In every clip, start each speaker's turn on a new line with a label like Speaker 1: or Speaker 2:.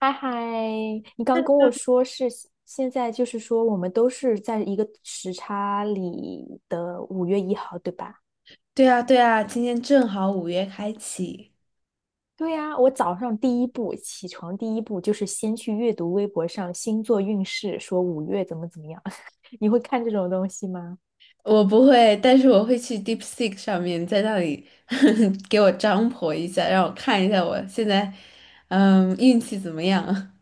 Speaker 1: 嗨嗨，你刚跟我说是现在，就是说我们都是在一个时差里的五月一号，对吧？
Speaker 2: 对啊，对啊，今天正好五月开启。
Speaker 1: 对呀，我早上第一步起床，第一步就是先去阅读微博上星座运势，说五月怎么怎么样。你会看这种东西吗？
Speaker 2: 我不会，但是我会去 DeepSeek 上面，在那里 给我张婆一下，让我看一下我现在，嗯，运气怎么样。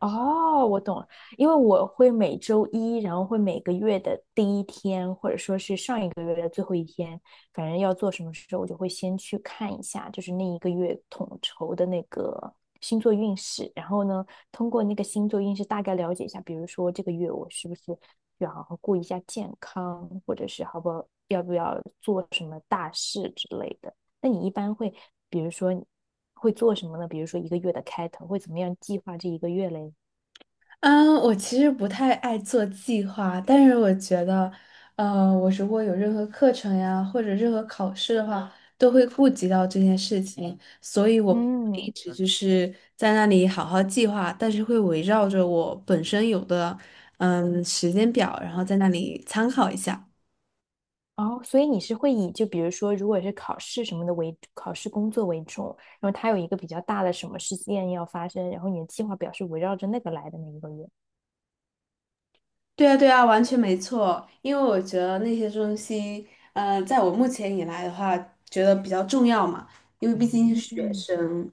Speaker 1: 哦，我懂了，因为我会每周一，然后会每个月的第一天，或者说是上一个月的最后一天，反正要做什么事，我就会先去看一下，就是那一个月统筹的那个星座运势，然后呢，通过那个星座运势大概了解一下，比如说这个月我是不是要好好顾一下健康，或者是好不好，要不要做什么大事之类的。那你一般会，比如说会做什么呢？比如说一个月的开头会怎么样计划这一个月嘞？
Speaker 2: 嗯，我其实不太爱做计划，但是我觉得，我如果有任何课程呀，或者任何考试的话，都会顾及到这件事情，所以我不会一
Speaker 1: 嗯，
Speaker 2: 直就是在那里好好计划，但是会围绕着我本身有的，嗯，时间表，然后在那里参考一下。
Speaker 1: 哦，所以你是会以就比如说，如果是考试什么的为考试工作为重，然后它有一个比较大的什么事件要发生，然后你的计划表是围绕着那个来的那一个月。
Speaker 2: 对啊，对啊，完全没错，因为我觉得那些东西，在我目前以来的话，觉得比较重要嘛，因为毕竟是学
Speaker 1: 嗯，
Speaker 2: 生。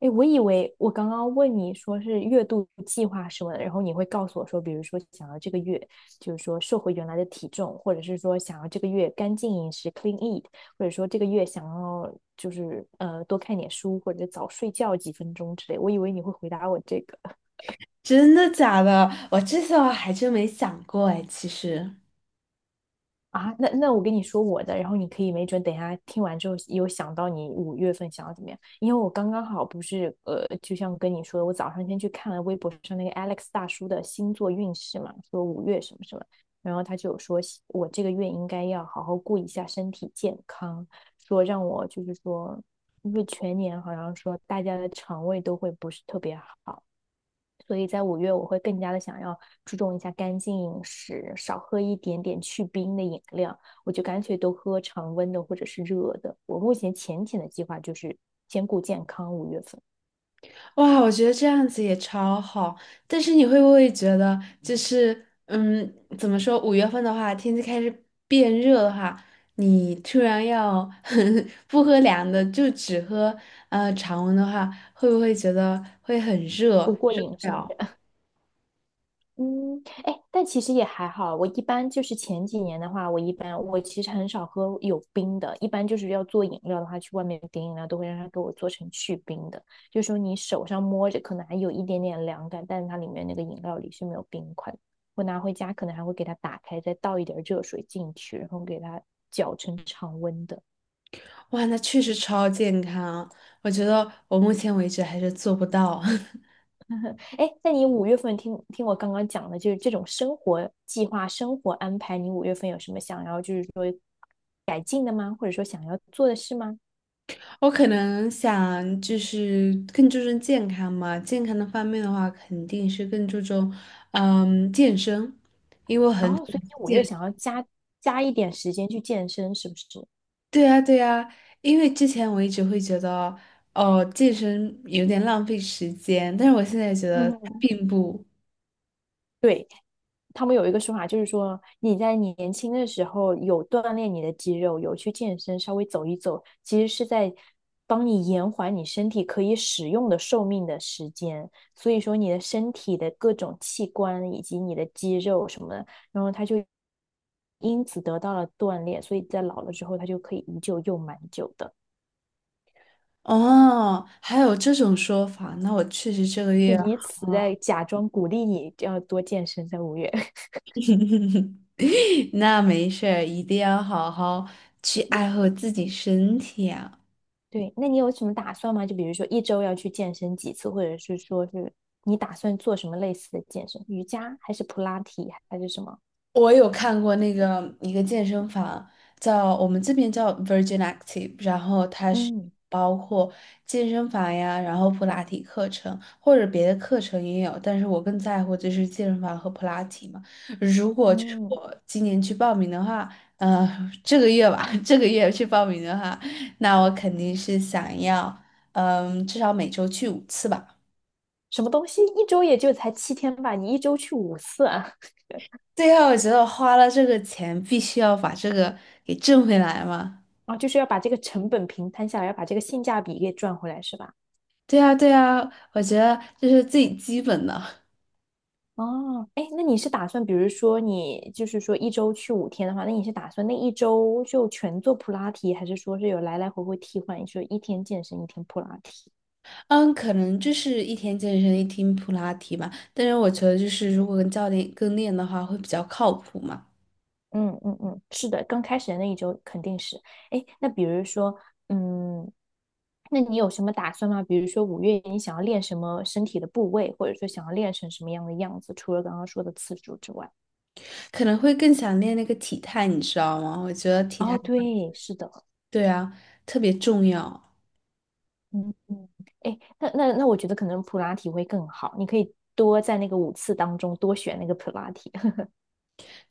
Speaker 1: 哎，我以为我刚刚问你说是月度计划什么的，然后你会告诉我说，比如说想要这个月，就是说瘦回原来的体重，或者是说想要这个月干净饮食（ （clean eat），或者说这个月想要就是多看点书或者早睡觉几分钟之类。我以为你会回答我这个。
Speaker 2: 真的假的？我这些我还真没想过哎，其实，
Speaker 1: 啊，那我跟你说我的，然后你可以没准等一下听完之后有想到你五月份想要怎么样，因为我刚刚好不是，就像跟你说的，我早上先去看了微博上那个 Alex 大叔的星座运势嘛，说五月什么什么，然后他就有说我这个月应该要好好顾一下身体健康，说让我就是说，因为全年好像说大家的肠胃都会不是特别好。所以在五月我会更加的想要注重一下干净饮食，少喝一点点去冰的饮料，我就干脆都喝常温的或者是热的。我目前浅浅的计划就是兼顾健康，五月份。
Speaker 2: 哇，我觉得这样子也超好。但是你会不会觉得，就是嗯，怎么说？五月份的话，天气开始变热的话，你突然要 不喝凉的，就只喝常温的话，会不会觉得会很热，
Speaker 1: 不过
Speaker 2: 受
Speaker 1: 饮
Speaker 2: 不
Speaker 1: 食
Speaker 2: 了？
Speaker 1: 嗯，哎，但其实也还好。我一般就是前几年的话，我一般我其实很少喝有冰的，一般就是要做饮料的话，去外面点饮料都会让他给我做成去冰的，就是说你手上摸着可能还有一点点凉感，但是它里面那个饮料里是没有冰块的。我拿回家可能还会给它打开，再倒一点热水进去，然后给它搅成常温的。
Speaker 2: 哇，那确实超健康啊，我觉得我目前为止还是做不到。
Speaker 1: 哎，那你五月份听听我刚刚讲的，就是这种生活计划、生活安排，你五月份有什么想要，就是说改进的吗？或者说想要做的事吗？
Speaker 2: 我可能想就是更注重健康嘛，健康的方面的话，肯定是更注重嗯健身，因为我
Speaker 1: 然
Speaker 2: 很
Speaker 1: 后，所以你五月
Speaker 2: 健。
Speaker 1: 想要加一点时间去健身，是不是？
Speaker 2: 对呀，对呀，因为之前我一直会觉得哦健身有点浪费时间，但是我现在觉得
Speaker 1: 嗯，
Speaker 2: 并不。
Speaker 1: 对，他们有一个说法，就是说你在你年轻的时候有锻炼你的肌肉，有去健身，稍微走一走，其实是在帮你延缓你身体可以使用的寿命的时间。所以说你的身体的各种器官以及你的肌肉什么的，然后它就因此得到了锻炼，所以在老了之后，它就可以依旧用蛮久的。
Speaker 2: 哦，还有这种说法，那我确实这个
Speaker 1: 就
Speaker 2: 月好。
Speaker 1: 是以此在假装鼓励你要多健身，在五月。
Speaker 2: 那没事儿，一定要好好去爱护自己身体啊。
Speaker 1: 对，那你有什么打算吗？就比如说一周要去健身几次，或者是说是你打算做什么类似的健身？瑜伽还是普拉提还是什么？
Speaker 2: 我有看过那个一个健身房，叫我们这边叫 Virgin Active，然后它是
Speaker 1: 嗯
Speaker 2: 包括健身房呀，然后普拉提课程或者别的课程也有，但是我更在乎就是健身房和普拉提嘛。如果就是
Speaker 1: 嗯，
Speaker 2: 我今年去报名的话，呃，这个月吧，这个月去报名的话，那我肯定是想要，嗯，至少每周去五次吧。
Speaker 1: 什么东西？一周也就才七天吧，你一周去五次啊？
Speaker 2: 对后我觉得我花了这个钱，必须要把这个给挣回来嘛。
Speaker 1: 啊，就是要把这个成本平摊下来，要把这个性价比给赚回来，是吧？
Speaker 2: 对呀，对呀，我觉得这是最基本的。
Speaker 1: 哦，哎，那你是打算，比如说你就是说一周去五天的话，那你是打算那一周就全做普拉提，还是说是有来来回回替换，就一天健身，一天普拉提？
Speaker 2: 嗯，可能就是一天健身，一天普拉提吧。但是我觉得，就是如果跟教练跟练的话，会比较靠谱嘛。
Speaker 1: 嗯嗯嗯，是的，刚开始的那一周肯定是。哎，那比如说，嗯，那你有什么打算吗？比如说五月你想要练什么身体的部位，或者说想要练成什么样的样子，除了刚刚说的次数之外。
Speaker 2: 可能会更想练那个体态，你知道吗？我觉得体态，
Speaker 1: 哦，对，是的。
Speaker 2: 对啊，特别重要。
Speaker 1: 嗯嗯，哎，那，我觉得可能普拉提会更好，你可以多在那个五次当中多选那个普拉提。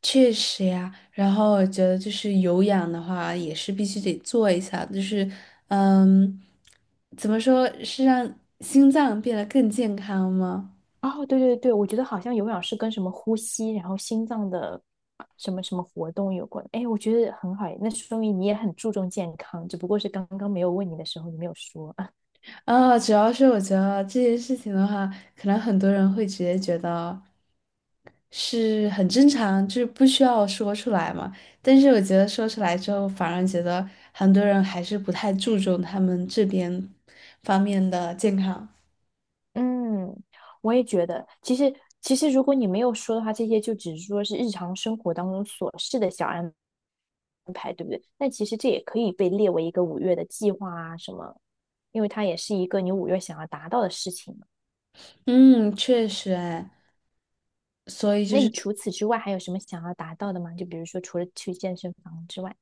Speaker 2: 确实呀。然后我觉得，就是有氧的话，也是必须得做一下。就是，嗯，怎么说是让心脏变得更健康吗？
Speaker 1: 哦，对对对，我觉得好像有氧是跟什么呼吸，然后心脏的什么什么活动有关。哎，我觉得很好诶，那说明你也很注重健康，只不过是刚刚没有问你的时候，你没有说。
Speaker 2: 啊，主要是我觉得这件事情的话，可能很多人会直接觉得是很正常，就是不需要说出来嘛。但是我觉得说出来之后，反而觉得很多人还是不太注重他们这边方面的健康。
Speaker 1: 嗯，我也觉得，其实如果你没有说的话，这些就只是说是日常生活当中琐事的小安排，对不对？但其实这也可以被列为一个五月的计划啊什么，因为它也是一个你五月想要达到的事情嘛。
Speaker 2: 嗯，确实，哎，所以就
Speaker 1: 那你
Speaker 2: 是。
Speaker 1: 除此之外还有什么想要达到的吗？就比如说除了去健身房之外，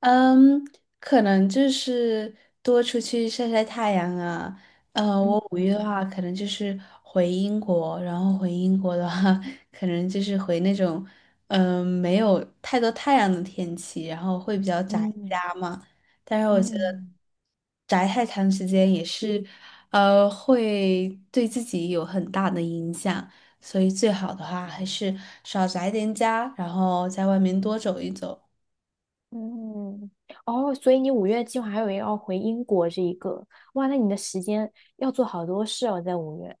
Speaker 2: 嗯，可能就是多出去晒晒太阳啊。
Speaker 1: 嗯
Speaker 2: 我五一的
Speaker 1: 嗯
Speaker 2: 话，可能就是回英国，然后回英国的话，可能就是回那种嗯、没有太多太阳的天气，然后会比较宅
Speaker 1: 嗯
Speaker 2: 家嘛。但是我觉得
Speaker 1: 嗯
Speaker 2: 宅太长时间也是会对自己有很大的影响，所以最好的话还是少宅点家，然后在外面多走一走。
Speaker 1: 嗯，哦，所以你五月计划还有要回英国这一个，哇，那你的时间要做好多事哦，在五月。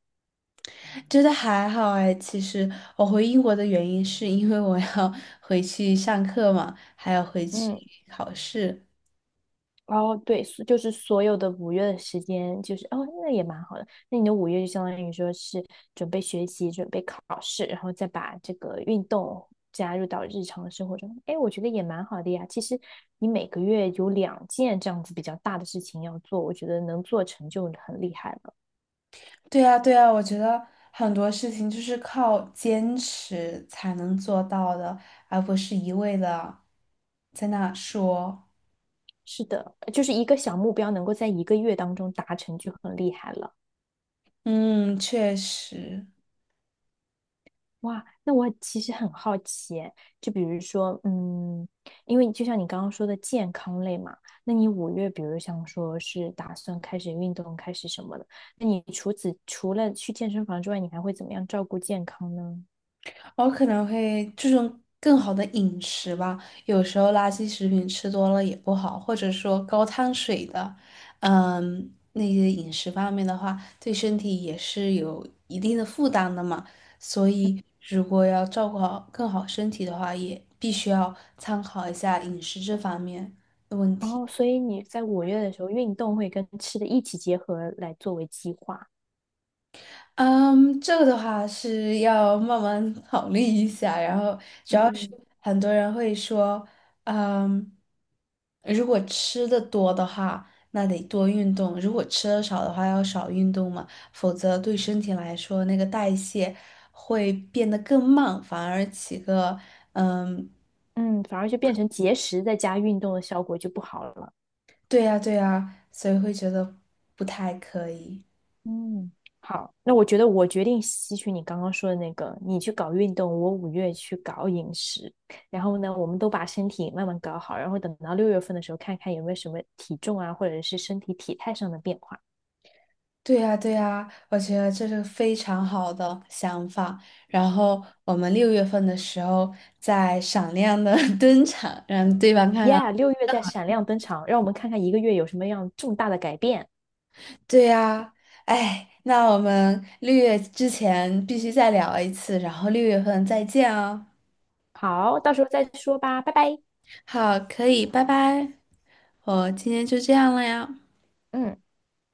Speaker 2: 觉得还好哎，其实我回英国的原因是因为我要 回去上课嘛，还要回去
Speaker 1: 嗯，
Speaker 2: 考试。
Speaker 1: 哦，对，所就是所有的五月的时间，就是哦，那也蛮好的。那你的五月就相当于说是准备学习、准备考试，然后再把这个运动加入到日常的生活中。哎，我觉得也蛮好的呀。其实你每个月有两件这样子比较大的事情要做，我觉得能做成就很厉害了。
Speaker 2: 对啊，对啊，我觉得很多事情就是靠坚持才能做到的，而不是一味的在那说。
Speaker 1: 是的，就是一个小目标能够在一个月当中达成就很厉害了。
Speaker 2: 嗯，确实。
Speaker 1: 哇，那我其实很好奇耶就比如说，嗯，因为就像你刚刚说的健康类嘛，那你五月，比如像说是打算开始运动，开始什么的，那你除了去健身房之外，你还会怎么样照顾健康呢？
Speaker 2: 我可能会注重更好的饮食吧。有时候垃圾食品吃多了也不好，或者说高碳水的，嗯，那些饮食方面的话，对身体也是有一定的负担的嘛。所以，如果要照顾好更好身体的话，也必须要参考一下饮食这方面的问
Speaker 1: 然
Speaker 2: 题。
Speaker 1: 后，所以你在五月的时候，运动会跟吃的一起结合来作为计划，
Speaker 2: 嗯，这个的话是要慢慢考虑一下，然后主要是
Speaker 1: 嗯。
Speaker 2: 很多人会说，嗯，如果吃的多的话，那得多运动；如果吃的少的话，要少运动嘛，否则对身体来说，那个代谢会变得更慢，反而起个，嗯，
Speaker 1: 嗯，反而就变成节食再加运动的效果就不好了。
Speaker 2: 对呀，对呀，所以会觉得不太可以。
Speaker 1: 嗯，好，那我觉得我决定吸取你刚刚说的那个，你去搞运动，我五月去搞饮食，然后呢，我们都把身体慢慢搞好，然后等到六月份的时候，看看有没有什么体重啊，或者是身体体态上的变化。
Speaker 2: 对呀，对呀，我觉得这是个非常好的想法。然后我们六月份的时候再闪亮的 登场，让对方看看。
Speaker 1: Yeah，六月在闪亮登场，让我们看看一个月有什么样重大的改变。
Speaker 2: 对呀，哎，那我们六月之前必须再聊一次，然后六月份再见哦。
Speaker 1: 好，到时候再说吧，拜拜。
Speaker 2: 好，可以，拜拜。我今天就这样了呀。
Speaker 1: 嗯。